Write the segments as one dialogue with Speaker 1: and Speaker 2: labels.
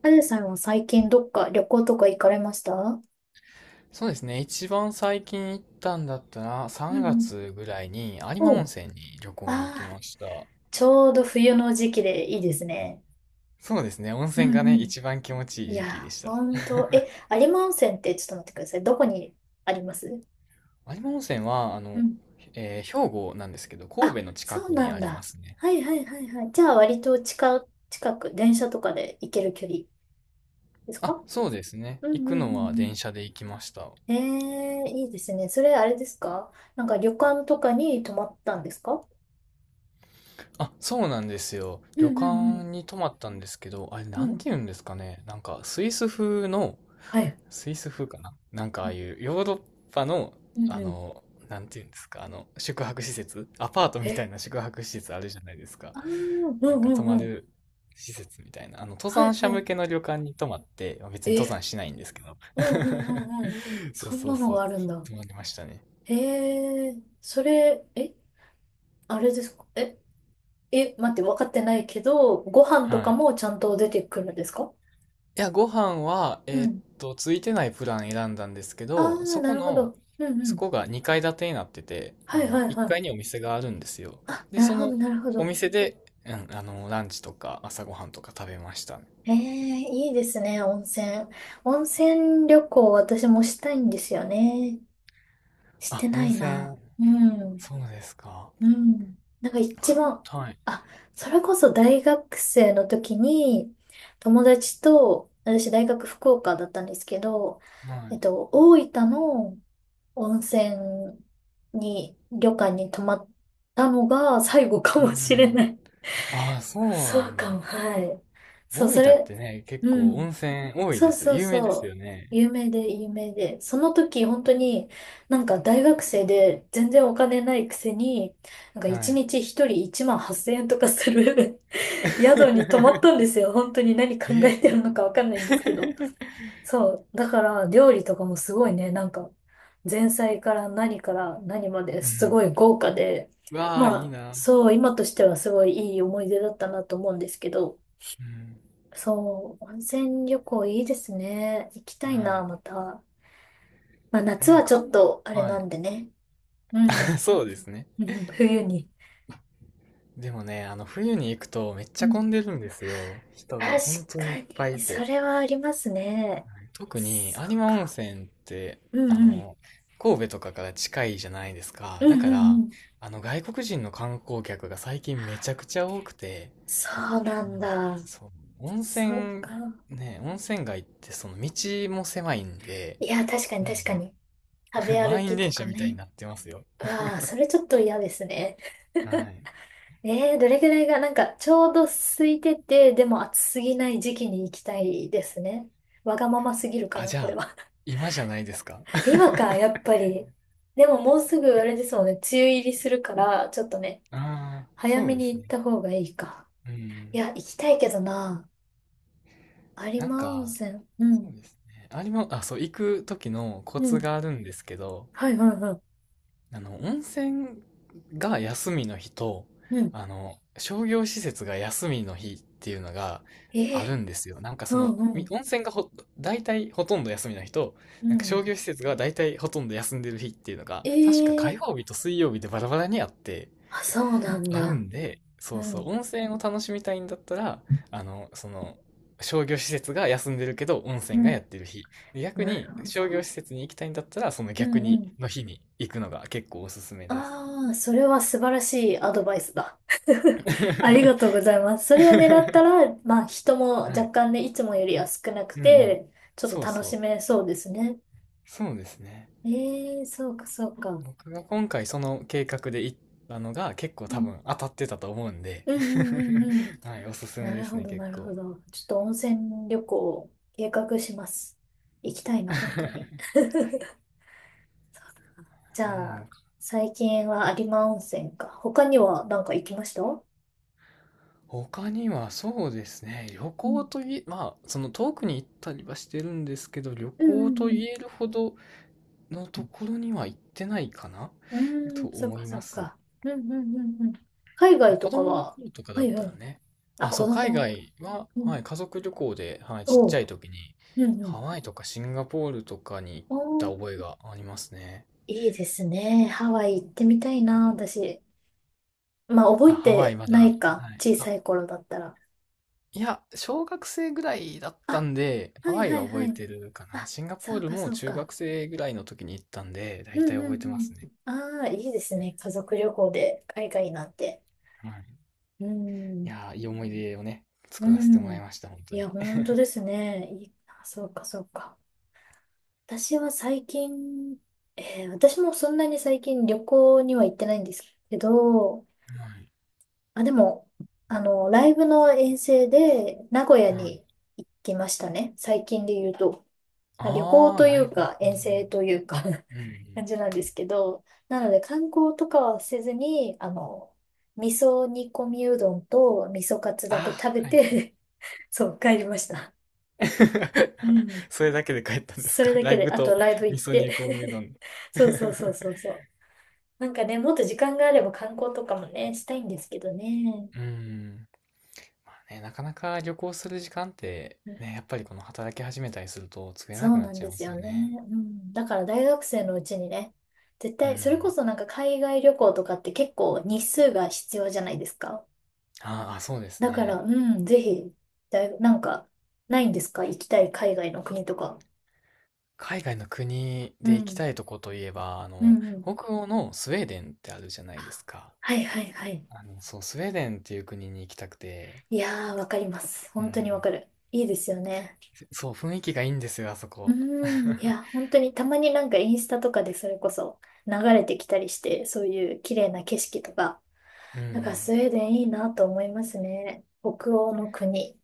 Speaker 1: あずさんは最近どっか旅行とか行かれました？うん
Speaker 2: そうですね。一番最近行ったんだったら、
Speaker 1: う
Speaker 2: 3
Speaker 1: ん。
Speaker 2: 月ぐらいに有馬
Speaker 1: お
Speaker 2: 温
Speaker 1: う。
Speaker 2: 泉に旅行に行き
Speaker 1: ああ、
Speaker 2: ました。
Speaker 1: ちょうど冬の時期でいいですね。
Speaker 2: そうですね。温
Speaker 1: う
Speaker 2: 泉
Speaker 1: ん
Speaker 2: が
Speaker 1: う
Speaker 2: ね、
Speaker 1: ん。
Speaker 2: 一番気持ちいい
Speaker 1: い
Speaker 2: 時期で
Speaker 1: や、
Speaker 2: した。
Speaker 1: ほんと。え、有馬温泉って、ちょっと待ってください。どこにあります？
Speaker 2: 有馬温泉は、あ
Speaker 1: う
Speaker 2: の、
Speaker 1: ん。
Speaker 2: 兵庫なんですけど、
Speaker 1: あ、
Speaker 2: 神戸の近
Speaker 1: そう
Speaker 2: く
Speaker 1: な
Speaker 2: に
Speaker 1: ん
Speaker 2: ありま
Speaker 1: だ。
Speaker 2: すね。
Speaker 1: はいはいはいはい。じゃあ割と近く、電車とかで行ける距離ですか？
Speaker 2: あ、そうですね。
Speaker 1: う
Speaker 2: 行
Speaker 1: んう
Speaker 2: く
Speaker 1: んう
Speaker 2: のは
Speaker 1: ん
Speaker 2: 電車で行きました。
Speaker 1: うん。ええー、いいですね。それあれですか？なんか旅館とかに泊まったんですか？
Speaker 2: あ、そうなんですよ。
Speaker 1: う
Speaker 2: 旅
Speaker 1: んう
Speaker 2: 館
Speaker 1: ん
Speaker 2: に泊まったんですけど、あれ、
Speaker 1: う
Speaker 2: な
Speaker 1: ん
Speaker 2: ん
Speaker 1: うん。
Speaker 2: て言うんですかね。なんか、
Speaker 1: はい。
Speaker 2: スイス風かななんかああいうヨーロッパの、
Speaker 1: うん
Speaker 2: あ
Speaker 1: うん。
Speaker 2: の、なんていうんですか、あの、宿泊施設アパートみた
Speaker 1: え、
Speaker 2: いな宿泊施設あるじゃないですか。
Speaker 1: ああ、うんう
Speaker 2: なんか泊
Speaker 1: ん
Speaker 2: ま
Speaker 1: うん。
Speaker 2: る施設みたいな。あの、登
Speaker 1: は
Speaker 2: 山
Speaker 1: い
Speaker 2: 者
Speaker 1: は
Speaker 2: 向けの旅館に泊まって、まあ別
Speaker 1: い。
Speaker 2: に登
Speaker 1: え、
Speaker 2: 山しないんですけど。
Speaker 1: うんうんうんうん。
Speaker 2: そう
Speaker 1: そん
Speaker 2: そう
Speaker 1: なの
Speaker 2: そう。
Speaker 1: があるんだ。
Speaker 2: 泊まりましたね。
Speaker 1: へえ、それ、え、あれですか？え、え、待って、分かってないけど、ご飯と
Speaker 2: は
Speaker 1: か
Speaker 2: い。
Speaker 1: もちゃんと出てくるんですか？
Speaker 2: いや、ご飯は、
Speaker 1: うん。
Speaker 2: ついてないプラン選んだんですけ
Speaker 1: あ
Speaker 2: ど、
Speaker 1: あ、なるほど。うんう
Speaker 2: そ
Speaker 1: ん。
Speaker 2: こが2階建てになってて、あ
Speaker 1: はい
Speaker 2: の、
Speaker 1: はい
Speaker 2: 1
Speaker 1: はい。
Speaker 2: 階にお店があるんですよ。
Speaker 1: あ、
Speaker 2: で、
Speaker 1: なる
Speaker 2: そ
Speaker 1: ほど
Speaker 2: の
Speaker 1: なるほ
Speaker 2: お
Speaker 1: ど。
Speaker 2: 店で、うん、あの、ランチとか朝ごはんとか食べましたね。
Speaker 1: ええ、いいですね、温泉。温泉旅行私もしたいんですよね。して
Speaker 2: あ、
Speaker 1: な
Speaker 2: 温
Speaker 1: い
Speaker 2: 泉。
Speaker 1: な。うん。
Speaker 2: そうですか。
Speaker 1: うん。なんか一
Speaker 2: 関
Speaker 1: 番、
Speaker 2: 東、はい。
Speaker 1: あ、それこそ大学生の時に、友達と、私大学福岡だったんですけど、大分の温泉に、旅館に泊まったのが最後か
Speaker 2: う
Speaker 1: もしれ
Speaker 2: ん。
Speaker 1: ない。
Speaker 2: ああ、そうな
Speaker 1: そう
Speaker 2: ん
Speaker 1: か
Speaker 2: だ。
Speaker 1: も、はい。そ
Speaker 2: 大
Speaker 1: う、
Speaker 2: 分
Speaker 1: そ
Speaker 2: っ
Speaker 1: れ、
Speaker 2: てね、結
Speaker 1: う
Speaker 2: 構温
Speaker 1: ん。
Speaker 2: 泉多いで
Speaker 1: そう
Speaker 2: すよ。
Speaker 1: そう
Speaker 2: 有名で
Speaker 1: そ
Speaker 2: す
Speaker 1: う。
Speaker 2: よね。
Speaker 1: 有名で、有名で。その時、本当に、なんか大学生で全然お金ないくせに、なんか
Speaker 2: は
Speaker 1: 一
Speaker 2: い。
Speaker 1: 日一人1万8000円とかする 宿に泊まったんで すよ。本当に何考
Speaker 2: え。
Speaker 1: えてるのかわかんないんですけ ど。そう。だから、料理とかもすごいね、なんか、前菜から何から何まで
Speaker 2: う
Speaker 1: す
Speaker 2: ん。
Speaker 1: ごい豪華で、
Speaker 2: うわあ、
Speaker 1: ま
Speaker 2: いい
Speaker 1: あ、
Speaker 2: な。
Speaker 1: そう、今としてはすごいいい思い出だったなと思うんですけど、
Speaker 2: うん。
Speaker 1: そう、温泉旅行いいですね。行きた
Speaker 2: は
Speaker 1: いな、
Speaker 2: い。
Speaker 1: また。まあ夏
Speaker 2: ねえ、
Speaker 1: はちょっとあれ
Speaker 2: は
Speaker 1: な
Speaker 2: い。
Speaker 1: んでね。う ん。
Speaker 2: そうですね。
Speaker 1: うん。冬に。
Speaker 2: でもね、あの、冬に行くとめっち
Speaker 1: う
Speaker 2: ゃ
Speaker 1: ん。
Speaker 2: 混んでるんですよ。人が
Speaker 1: 確
Speaker 2: 本当に
Speaker 1: か
Speaker 2: いっぱい
Speaker 1: に、
Speaker 2: い
Speaker 1: そ
Speaker 2: て。
Speaker 1: れはありますね。
Speaker 2: 特に
Speaker 1: そう
Speaker 2: 有馬温
Speaker 1: か。
Speaker 2: 泉って、
Speaker 1: う
Speaker 2: あ
Speaker 1: んうん。
Speaker 2: の、神戸とかから近いじゃないですか。
Speaker 1: うん
Speaker 2: だか
Speaker 1: うんう
Speaker 2: ら、
Speaker 1: ん。
Speaker 2: あの、外国人の観光客が最近めちゃくちゃ多くて、
Speaker 1: そうな
Speaker 2: うん、
Speaker 1: んだ。
Speaker 2: そう、温
Speaker 1: そう
Speaker 2: 泉、
Speaker 1: か。
Speaker 2: ね、温泉街ってその道も狭いんで、
Speaker 1: いや、確かに
Speaker 2: もう
Speaker 1: 確か
Speaker 2: ね、
Speaker 1: に。食べ 歩
Speaker 2: 満員
Speaker 1: きと
Speaker 2: 電
Speaker 1: か
Speaker 2: 車みたいに
Speaker 1: ね。
Speaker 2: なってますよ。
Speaker 1: わあ、それちょっと嫌ですね。
Speaker 2: はい。
Speaker 1: どれぐらいが、なんか、ちょうど空いてて、でも暑すぎない時期に行きたいですね。わがまますぎるか
Speaker 2: あ、
Speaker 1: な、
Speaker 2: じ
Speaker 1: これ
Speaker 2: ゃあ、
Speaker 1: は。
Speaker 2: 今じゃないですか。
Speaker 1: 今か、や っぱり。でももうすぐ、あれですもんね、梅雨入りするから、ちょっとね、
Speaker 2: ああ、
Speaker 1: 早
Speaker 2: そう
Speaker 1: め
Speaker 2: で
Speaker 1: に
Speaker 2: す
Speaker 1: 行っ
Speaker 2: ね。
Speaker 1: た方がいいか。
Speaker 2: う
Speaker 1: い
Speaker 2: ん。
Speaker 1: や、行きたいけどな。有
Speaker 2: なん
Speaker 1: 馬温
Speaker 2: か、
Speaker 1: 泉。う
Speaker 2: そ
Speaker 1: ん。
Speaker 2: うですね。ありま、あ、そう、行く時のコ
Speaker 1: う
Speaker 2: ツ
Speaker 1: ん。
Speaker 2: があるんですけど、
Speaker 1: はいはいはい。
Speaker 2: あの、温泉が休みの日と、
Speaker 1: うん。
Speaker 2: あの、商業施設が休みの日っていうのが
Speaker 1: え
Speaker 2: あ
Speaker 1: え。
Speaker 2: るんですよ。なんか
Speaker 1: う
Speaker 2: その、
Speaker 1: んう
Speaker 2: み
Speaker 1: ん。
Speaker 2: 温泉がほ、大体ほとんど休みの日と、
Speaker 1: う
Speaker 2: なんか
Speaker 1: ん。
Speaker 2: 商業施設が大体ほとんど休んでる日っていうのが、確か火
Speaker 1: ええ。
Speaker 2: 曜日と水曜日でバラバラにあって、
Speaker 1: あ、そうなん
Speaker 2: ある
Speaker 1: だ。
Speaker 2: んで、そ
Speaker 1: う
Speaker 2: うそう、
Speaker 1: ん。
Speaker 2: 温泉を楽しみたいんだったら、あの、その、商業施設が休んでるけど、温
Speaker 1: う
Speaker 2: 泉がやっ
Speaker 1: ん。
Speaker 2: てる日。で逆
Speaker 1: なる
Speaker 2: に、
Speaker 1: ほ
Speaker 2: 商業
Speaker 1: ど。
Speaker 2: 施設に行きたいんだったら、その
Speaker 1: う
Speaker 2: 逆
Speaker 1: んう
Speaker 2: に、
Speaker 1: ん。
Speaker 2: の日に行くのが結構おすすめです。
Speaker 1: ああ、それは素晴らしいアドバイスだ。ありがとうご ざいます。それを狙ったら、まあ人も
Speaker 2: は
Speaker 1: 若
Speaker 2: い。
Speaker 1: 干ね、いつもよりは少なく
Speaker 2: うんうん。
Speaker 1: て、ちょっ
Speaker 2: そう
Speaker 1: と楽
Speaker 2: そ
Speaker 1: し
Speaker 2: う。
Speaker 1: めそうですね。
Speaker 2: そうですね。
Speaker 1: ええ、そうか、そうか。
Speaker 2: 僕が今回その計画で行ったのが結構
Speaker 1: う
Speaker 2: 多
Speaker 1: ん、
Speaker 2: 分当たってたと思うんで、
Speaker 1: うんうんうんうん。
Speaker 2: はい、おすすめ
Speaker 1: な
Speaker 2: で
Speaker 1: る
Speaker 2: す
Speaker 1: ほ
Speaker 2: ね、
Speaker 1: ど、
Speaker 2: 結
Speaker 1: なるほ
Speaker 2: 構。
Speaker 1: ど。ちょっと温泉旅行を計画します。行きたいな、本当に。じ
Speaker 2: う
Speaker 1: ゃあ、
Speaker 2: ん。
Speaker 1: 最近は有馬温泉か。他には何か行きました？う
Speaker 2: 他にはそうですね、旅行と
Speaker 1: ん
Speaker 2: いえ、まあ、その遠くに行ったりはしてるんですけど、旅
Speaker 1: うんう
Speaker 2: 行
Speaker 1: んう
Speaker 2: と言
Speaker 1: ん。
Speaker 2: えるほどのところには行ってないかな
Speaker 1: うー
Speaker 2: と
Speaker 1: ん、そっ
Speaker 2: 思
Speaker 1: か
Speaker 2: い
Speaker 1: そ
Speaker 2: ま
Speaker 1: っ
Speaker 2: す。
Speaker 1: か。うんうんうんうん。海
Speaker 2: まあ
Speaker 1: 外と
Speaker 2: 子
Speaker 1: か
Speaker 2: 供の
Speaker 1: は、
Speaker 2: 頃とか
Speaker 1: は
Speaker 2: だっ
Speaker 1: いは
Speaker 2: たら
Speaker 1: い。
Speaker 2: ね、
Speaker 1: あ、
Speaker 2: あ、そ
Speaker 1: 子
Speaker 2: う、海
Speaker 1: 供。
Speaker 2: 外は、
Speaker 1: う
Speaker 2: はい、
Speaker 1: ん。
Speaker 2: 家族旅行で、はい、ちっ
Speaker 1: お
Speaker 2: ちゃ
Speaker 1: う。
Speaker 2: い時に、
Speaker 1: うんう
Speaker 2: ハ
Speaker 1: ん。
Speaker 2: ワイとかシンガポールとかに行っ
Speaker 1: お
Speaker 2: た
Speaker 1: ー、
Speaker 2: 覚えがありますね。
Speaker 1: いいですね。ハワイ行ってみたいな、私。まあ、覚
Speaker 2: あ、
Speaker 1: え
Speaker 2: ハワイ
Speaker 1: て
Speaker 2: ま
Speaker 1: な
Speaker 2: だ、
Speaker 1: いか。
Speaker 2: はい。
Speaker 1: 小さい頃だったら。
Speaker 2: いや、小学生ぐらいだった
Speaker 1: あ、
Speaker 2: んで、ハ
Speaker 1: はい
Speaker 2: ワイ
Speaker 1: は
Speaker 2: は
Speaker 1: い
Speaker 2: 覚
Speaker 1: は
Speaker 2: え
Speaker 1: い。
Speaker 2: てるかな。
Speaker 1: あ、
Speaker 2: シンガポ
Speaker 1: そ
Speaker 2: ー
Speaker 1: う
Speaker 2: ル
Speaker 1: か
Speaker 2: も
Speaker 1: そう
Speaker 2: 中
Speaker 1: か。
Speaker 2: 学生ぐらいの時に行ったんで、大
Speaker 1: う
Speaker 2: 体
Speaker 1: んうん
Speaker 2: 覚えて
Speaker 1: う
Speaker 2: ます
Speaker 1: ん。
Speaker 2: ね。
Speaker 1: ああ、いいですね。家族旅行で海外なんて。
Speaker 2: はい。
Speaker 1: う
Speaker 2: い
Speaker 1: ん。
Speaker 2: やー、いい思い出をね、
Speaker 1: う
Speaker 2: 作らせてもら
Speaker 1: ん。
Speaker 2: いました、本
Speaker 1: い
Speaker 2: 当
Speaker 1: や、
Speaker 2: に。
Speaker 1: 本当ですね。いい。あ、そうかそうか。私は最近、私もそんなに最近旅行には行ってないんですけど、
Speaker 2: はい。
Speaker 1: あ、でも、ライブの遠征で名古屋
Speaker 2: は
Speaker 1: に
Speaker 2: い。
Speaker 1: 行きましたね。最近で言うと。まあ旅行
Speaker 2: ああ、
Speaker 1: とい
Speaker 2: ライ
Speaker 1: う
Speaker 2: ブ。
Speaker 1: か、
Speaker 2: う
Speaker 1: 遠
Speaker 2: ん
Speaker 1: 征というか
Speaker 2: うん。うんう ん。
Speaker 1: 感じなんですけど、なので観光とかはせずに、味噌煮込みうどんと味噌カツ
Speaker 2: あ
Speaker 1: だけ食べ
Speaker 2: あ、はいはい。
Speaker 1: て そう、帰りました。うん。
Speaker 2: それだけで帰ったんです
Speaker 1: それ
Speaker 2: か？
Speaker 1: だ
Speaker 2: ラ
Speaker 1: け
Speaker 2: イ
Speaker 1: で、
Speaker 2: ブ
Speaker 1: あと
Speaker 2: と
Speaker 1: ライブ行
Speaker 2: 味
Speaker 1: っ
Speaker 2: 噌
Speaker 1: て
Speaker 2: 煮込みうどん。
Speaker 1: そうそう そうそうそう。なんかね、もっと時間があれば観光とかもね、したいんですけどね。
Speaker 2: うん。まあね、なかなか旅行する時間って、
Speaker 1: うん。
Speaker 2: ね、やっぱりこの働き始めたりすると作れ
Speaker 1: そ
Speaker 2: なく
Speaker 1: う
Speaker 2: なっ
Speaker 1: なん
Speaker 2: ちゃ
Speaker 1: で
Speaker 2: いま
Speaker 1: す
Speaker 2: す
Speaker 1: よ
Speaker 2: よ
Speaker 1: ね。
Speaker 2: ね。
Speaker 1: うん。だから大学生のうちにね、絶
Speaker 2: う
Speaker 1: 対、それこ
Speaker 2: ん。
Speaker 1: そなんか海外旅行とかって結構日数が必要じゃないですか。
Speaker 2: ああ、そうです
Speaker 1: だから、
Speaker 2: ね。
Speaker 1: うん、ぜひ、なんか、ないんですか？行きたい海外の国とか。
Speaker 2: 海外の国
Speaker 1: う
Speaker 2: で行き
Speaker 1: ん。
Speaker 2: たいとこといえば、あ
Speaker 1: う
Speaker 2: の、
Speaker 1: んうん。
Speaker 2: 北欧のスウェーデンってあるじゃないですか。
Speaker 1: はいはいはい。
Speaker 2: あの、そう、スウェーデンっていう国に行きたくて、
Speaker 1: いやー、わかります。
Speaker 2: う
Speaker 1: 本当にわ
Speaker 2: ん。
Speaker 1: かる。いいですよね。
Speaker 2: そう、雰囲気がいいんですよ、あそ
Speaker 1: う
Speaker 2: こ。
Speaker 1: ーん、い や、本当にたまになんかインスタとかでそれこそ流れてきたりして、そういう綺麗な景色とか、
Speaker 2: う
Speaker 1: なんかス
Speaker 2: ん。
Speaker 1: ウェーデンいいなと思いますね。北欧の国。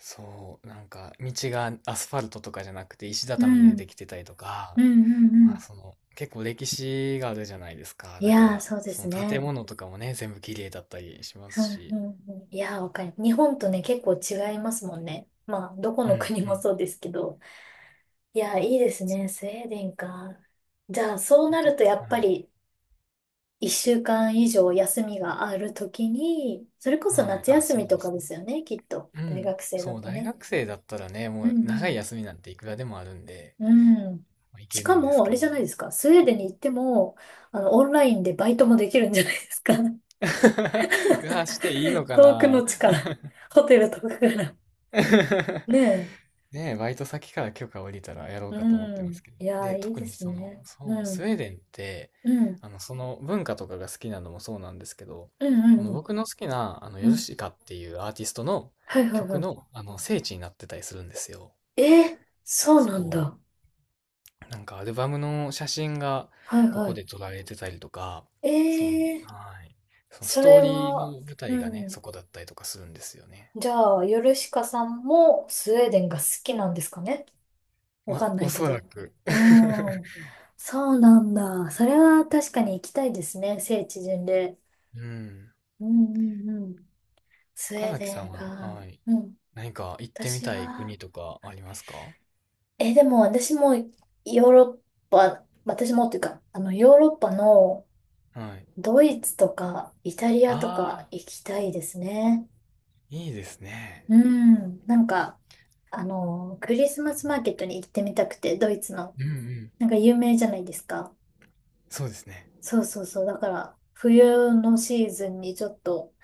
Speaker 2: そう、なんか、道がアスファルトとかじゃなくて石
Speaker 1: う
Speaker 2: 畳
Speaker 1: ん、う
Speaker 2: で
Speaker 1: ん、
Speaker 2: できてたりとか、
Speaker 1: うん、う
Speaker 2: まあ、
Speaker 1: ん。
Speaker 2: その、結構歴史があるじゃないですか。
Speaker 1: い
Speaker 2: だか
Speaker 1: やー、
Speaker 2: ら、
Speaker 1: そうで
Speaker 2: そ
Speaker 1: す
Speaker 2: の建
Speaker 1: ね。
Speaker 2: 物とかもね、全部綺麗だったりしま
Speaker 1: う
Speaker 2: す
Speaker 1: ん、
Speaker 2: し。
Speaker 1: うん、うん。いやー、わかる。日本とね、結構違いますもんね。まあ、どこ
Speaker 2: う
Speaker 1: の
Speaker 2: ん、
Speaker 1: 国
Speaker 2: う
Speaker 1: も
Speaker 2: ん。
Speaker 1: そうですけど。いやー、いいですね。スウェーデンか。じゃあ、そう
Speaker 2: で、
Speaker 1: なるとやっ
Speaker 2: は
Speaker 1: ぱ
Speaker 2: い
Speaker 1: り一週間以上休みがあるときに、それこそ
Speaker 2: はい。
Speaker 1: 夏
Speaker 2: あ、
Speaker 1: 休
Speaker 2: そ
Speaker 1: み
Speaker 2: う
Speaker 1: と
Speaker 2: で
Speaker 1: か
Speaker 2: す
Speaker 1: ですよね、きっと。
Speaker 2: ね。う
Speaker 1: 大
Speaker 2: ん。
Speaker 1: 学生だ
Speaker 2: そう、
Speaker 1: と
Speaker 2: 大
Speaker 1: ね。
Speaker 2: 学生だったらね、
Speaker 1: う
Speaker 2: もう長い
Speaker 1: ん
Speaker 2: 休みなんていくらでもあるんで、
Speaker 1: うん。うん。
Speaker 2: まあ、い
Speaker 1: し
Speaker 2: ける
Speaker 1: か
Speaker 2: んです
Speaker 1: も、あ
Speaker 2: け
Speaker 1: れ
Speaker 2: ど
Speaker 1: じゃ
Speaker 2: ね。
Speaker 1: ないですか。スウェーデンに行っても、オンラインでバイトもできるんじゃないですか？
Speaker 2: うわ、していいの か
Speaker 1: 遠くの
Speaker 2: な。
Speaker 1: 地から、ホテルとかから。ね
Speaker 2: ねえ、バイト先から許可下りたらやろ
Speaker 1: え。
Speaker 2: う
Speaker 1: う
Speaker 2: かと思ってま
Speaker 1: ん。
Speaker 2: すけど。
Speaker 1: いや
Speaker 2: で、
Speaker 1: ー、いい
Speaker 2: 特
Speaker 1: で
Speaker 2: に
Speaker 1: す
Speaker 2: その、
Speaker 1: ね。
Speaker 2: そ
Speaker 1: う
Speaker 2: う、ス
Speaker 1: ん。
Speaker 2: ウェーデンって、
Speaker 1: うん。
Speaker 2: あの、その文化とかが好きなのもそうなんですけど、
Speaker 1: うんう
Speaker 2: あ
Speaker 1: ん
Speaker 2: の、
Speaker 1: うん。
Speaker 2: 僕の好きな、あの、
Speaker 1: う
Speaker 2: ヨル
Speaker 1: ん。
Speaker 2: シカっていうアーティストの
Speaker 1: はいはい
Speaker 2: 曲
Speaker 1: は
Speaker 2: の、あの、聖地になってたりするんですよ。
Speaker 1: い。えー、そうなん
Speaker 2: そう。
Speaker 1: だ。
Speaker 2: なんかアルバムの写真が
Speaker 1: はい
Speaker 2: こ
Speaker 1: は
Speaker 2: こ
Speaker 1: い。
Speaker 2: で撮られてたりとか、その、
Speaker 1: えー、
Speaker 2: はい。そのス
Speaker 1: そ
Speaker 2: トー
Speaker 1: れ
Speaker 2: リーの
Speaker 1: は、
Speaker 2: 舞
Speaker 1: う
Speaker 2: 台がね、
Speaker 1: ん。
Speaker 2: そこだったりとかするんですよね。
Speaker 1: じゃあ、ヨルシカさんもスウェーデンが好きなんですかね？わ
Speaker 2: ま、
Speaker 1: かんな
Speaker 2: お
Speaker 1: いけ
Speaker 2: そら
Speaker 1: ど。
Speaker 2: く。
Speaker 1: う ん。そうなんだ。それは確かに行きたいですね。聖地巡礼。
Speaker 2: うん。
Speaker 1: うんうんうん。スウ
Speaker 2: 岡
Speaker 1: ェー
Speaker 2: 崎
Speaker 1: デ
Speaker 2: さ
Speaker 1: ン
Speaker 2: んは、
Speaker 1: か。
Speaker 2: はい。
Speaker 1: うん。
Speaker 2: 何か行ってみ
Speaker 1: 私
Speaker 2: たい
Speaker 1: は、
Speaker 2: 国とかありますか？
Speaker 1: え、でも私もヨーロッパ、私もっていうか、ヨーロッパの
Speaker 2: はい。
Speaker 1: ドイツとかイタリアと
Speaker 2: あ
Speaker 1: か
Speaker 2: あ、
Speaker 1: 行きたいですね。
Speaker 2: いいですね。
Speaker 1: うん。なんか、クリスマスマーケットに行ってみたくて、ドイツの。
Speaker 2: うんうん。
Speaker 1: なんか有名じゃないですか。
Speaker 2: そうですね。
Speaker 1: そうそうそう。だから、冬のシーズンにちょっと、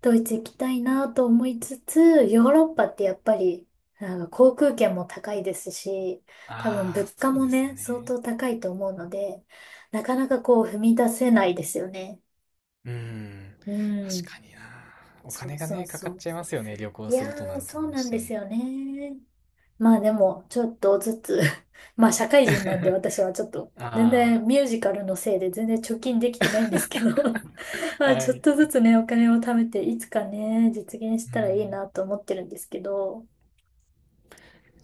Speaker 1: ドイツ行きたいなと思いつつ、ヨーロッパってやっぱり、なんか航空券も高いですし、多分
Speaker 2: ああ、
Speaker 1: 物価
Speaker 2: そう
Speaker 1: も
Speaker 2: ですよ
Speaker 1: ね、相
Speaker 2: ね。
Speaker 1: 当高いと思うので、なかなかこう踏み出せないですよね。
Speaker 2: うん。
Speaker 1: う
Speaker 2: 確
Speaker 1: ん。
Speaker 2: かにな。お
Speaker 1: そ
Speaker 2: 金
Speaker 1: う
Speaker 2: が
Speaker 1: そう
Speaker 2: ね、か
Speaker 1: そ
Speaker 2: かっ
Speaker 1: う。
Speaker 2: ちゃいますよね。旅行
Speaker 1: い
Speaker 2: す
Speaker 1: や
Speaker 2: るとな
Speaker 1: ー、
Speaker 2: ると
Speaker 1: そ
Speaker 2: ど
Speaker 1: う
Speaker 2: う
Speaker 1: な
Speaker 2: し
Speaker 1: ん
Speaker 2: て
Speaker 1: です
Speaker 2: も。
Speaker 1: よね。まあでも、ちょっとずつ まあ社会人なんで私はちょっ と、全
Speaker 2: あ
Speaker 1: 然ミュージカルのせいで全然貯金できてないんですけど ま
Speaker 2: あ、
Speaker 1: あ
Speaker 2: は
Speaker 1: ちょっと
Speaker 2: い。
Speaker 1: ずつね、お金を貯めて、いつかね、実現し
Speaker 2: う
Speaker 1: たらいい
Speaker 2: ん。
Speaker 1: なと思ってるんですけど、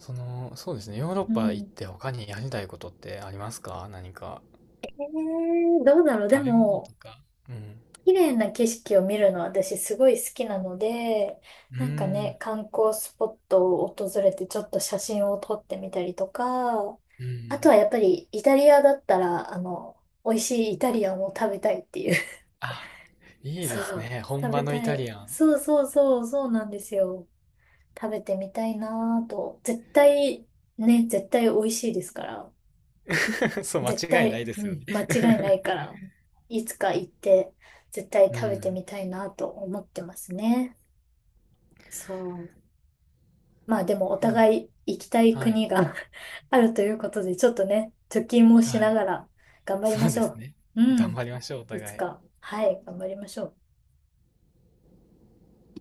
Speaker 2: その、そうですね。ヨーロッ
Speaker 1: う
Speaker 2: パ行っ
Speaker 1: ん。
Speaker 2: て他にやりたいことってありますか？何か。
Speaker 1: えどうだろう。で
Speaker 2: 食べ物と
Speaker 1: も、
Speaker 2: か。うん。
Speaker 1: 綺麗な景色を見るのは私すごい好きなので、
Speaker 2: うー
Speaker 1: なんか
Speaker 2: ん。
Speaker 1: ね、観光スポットを訪れてちょっと写真を撮ってみたりとか、
Speaker 2: う
Speaker 1: あと
Speaker 2: ん。
Speaker 1: はやっぱりイタリアだったら、美味しいイタリアンを食べたいっていう。
Speaker 2: あ、いい
Speaker 1: そ
Speaker 2: です
Speaker 1: う。
Speaker 2: ね。本
Speaker 1: 食
Speaker 2: 場
Speaker 1: べ
Speaker 2: のイ
Speaker 1: た
Speaker 2: タ
Speaker 1: い。
Speaker 2: リアン。
Speaker 1: そうそうそう、そうなんですよ。食べてみたいなぁと。絶対、ね、絶対美味しいですから。
Speaker 2: そう、
Speaker 1: 絶
Speaker 2: 間違いない
Speaker 1: 対、
Speaker 2: です
Speaker 1: う
Speaker 2: よね。
Speaker 1: ん、間違いないから。いつか行って、絶対
Speaker 2: う
Speaker 1: 食べて
Speaker 2: ん。
Speaker 1: みたいなぁと思ってますね。そう。まあでもお
Speaker 2: いい
Speaker 1: 互い行きたい
Speaker 2: な。はい。
Speaker 1: 国が あるということで、ちょっとね、貯金もし
Speaker 2: は
Speaker 1: な
Speaker 2: い。
Speaker 1: がら頑張り
Speaker 2: そ
Speaker 1: ま
Speaker 2: う
Speaker 1: し
Speaker 2: で
Speaker 1: ょ
Speaker 2: すね。
Speaker 1: う。う
Speaker 2: 頑
Speaker 1: ん。
Speaker 2: 張りましょう、お
Speaker 1: いつ
Speaker 2: 互
Speaker 1: か。
Speaker 2: い。
Speaker 1: はい、頑張りましょう。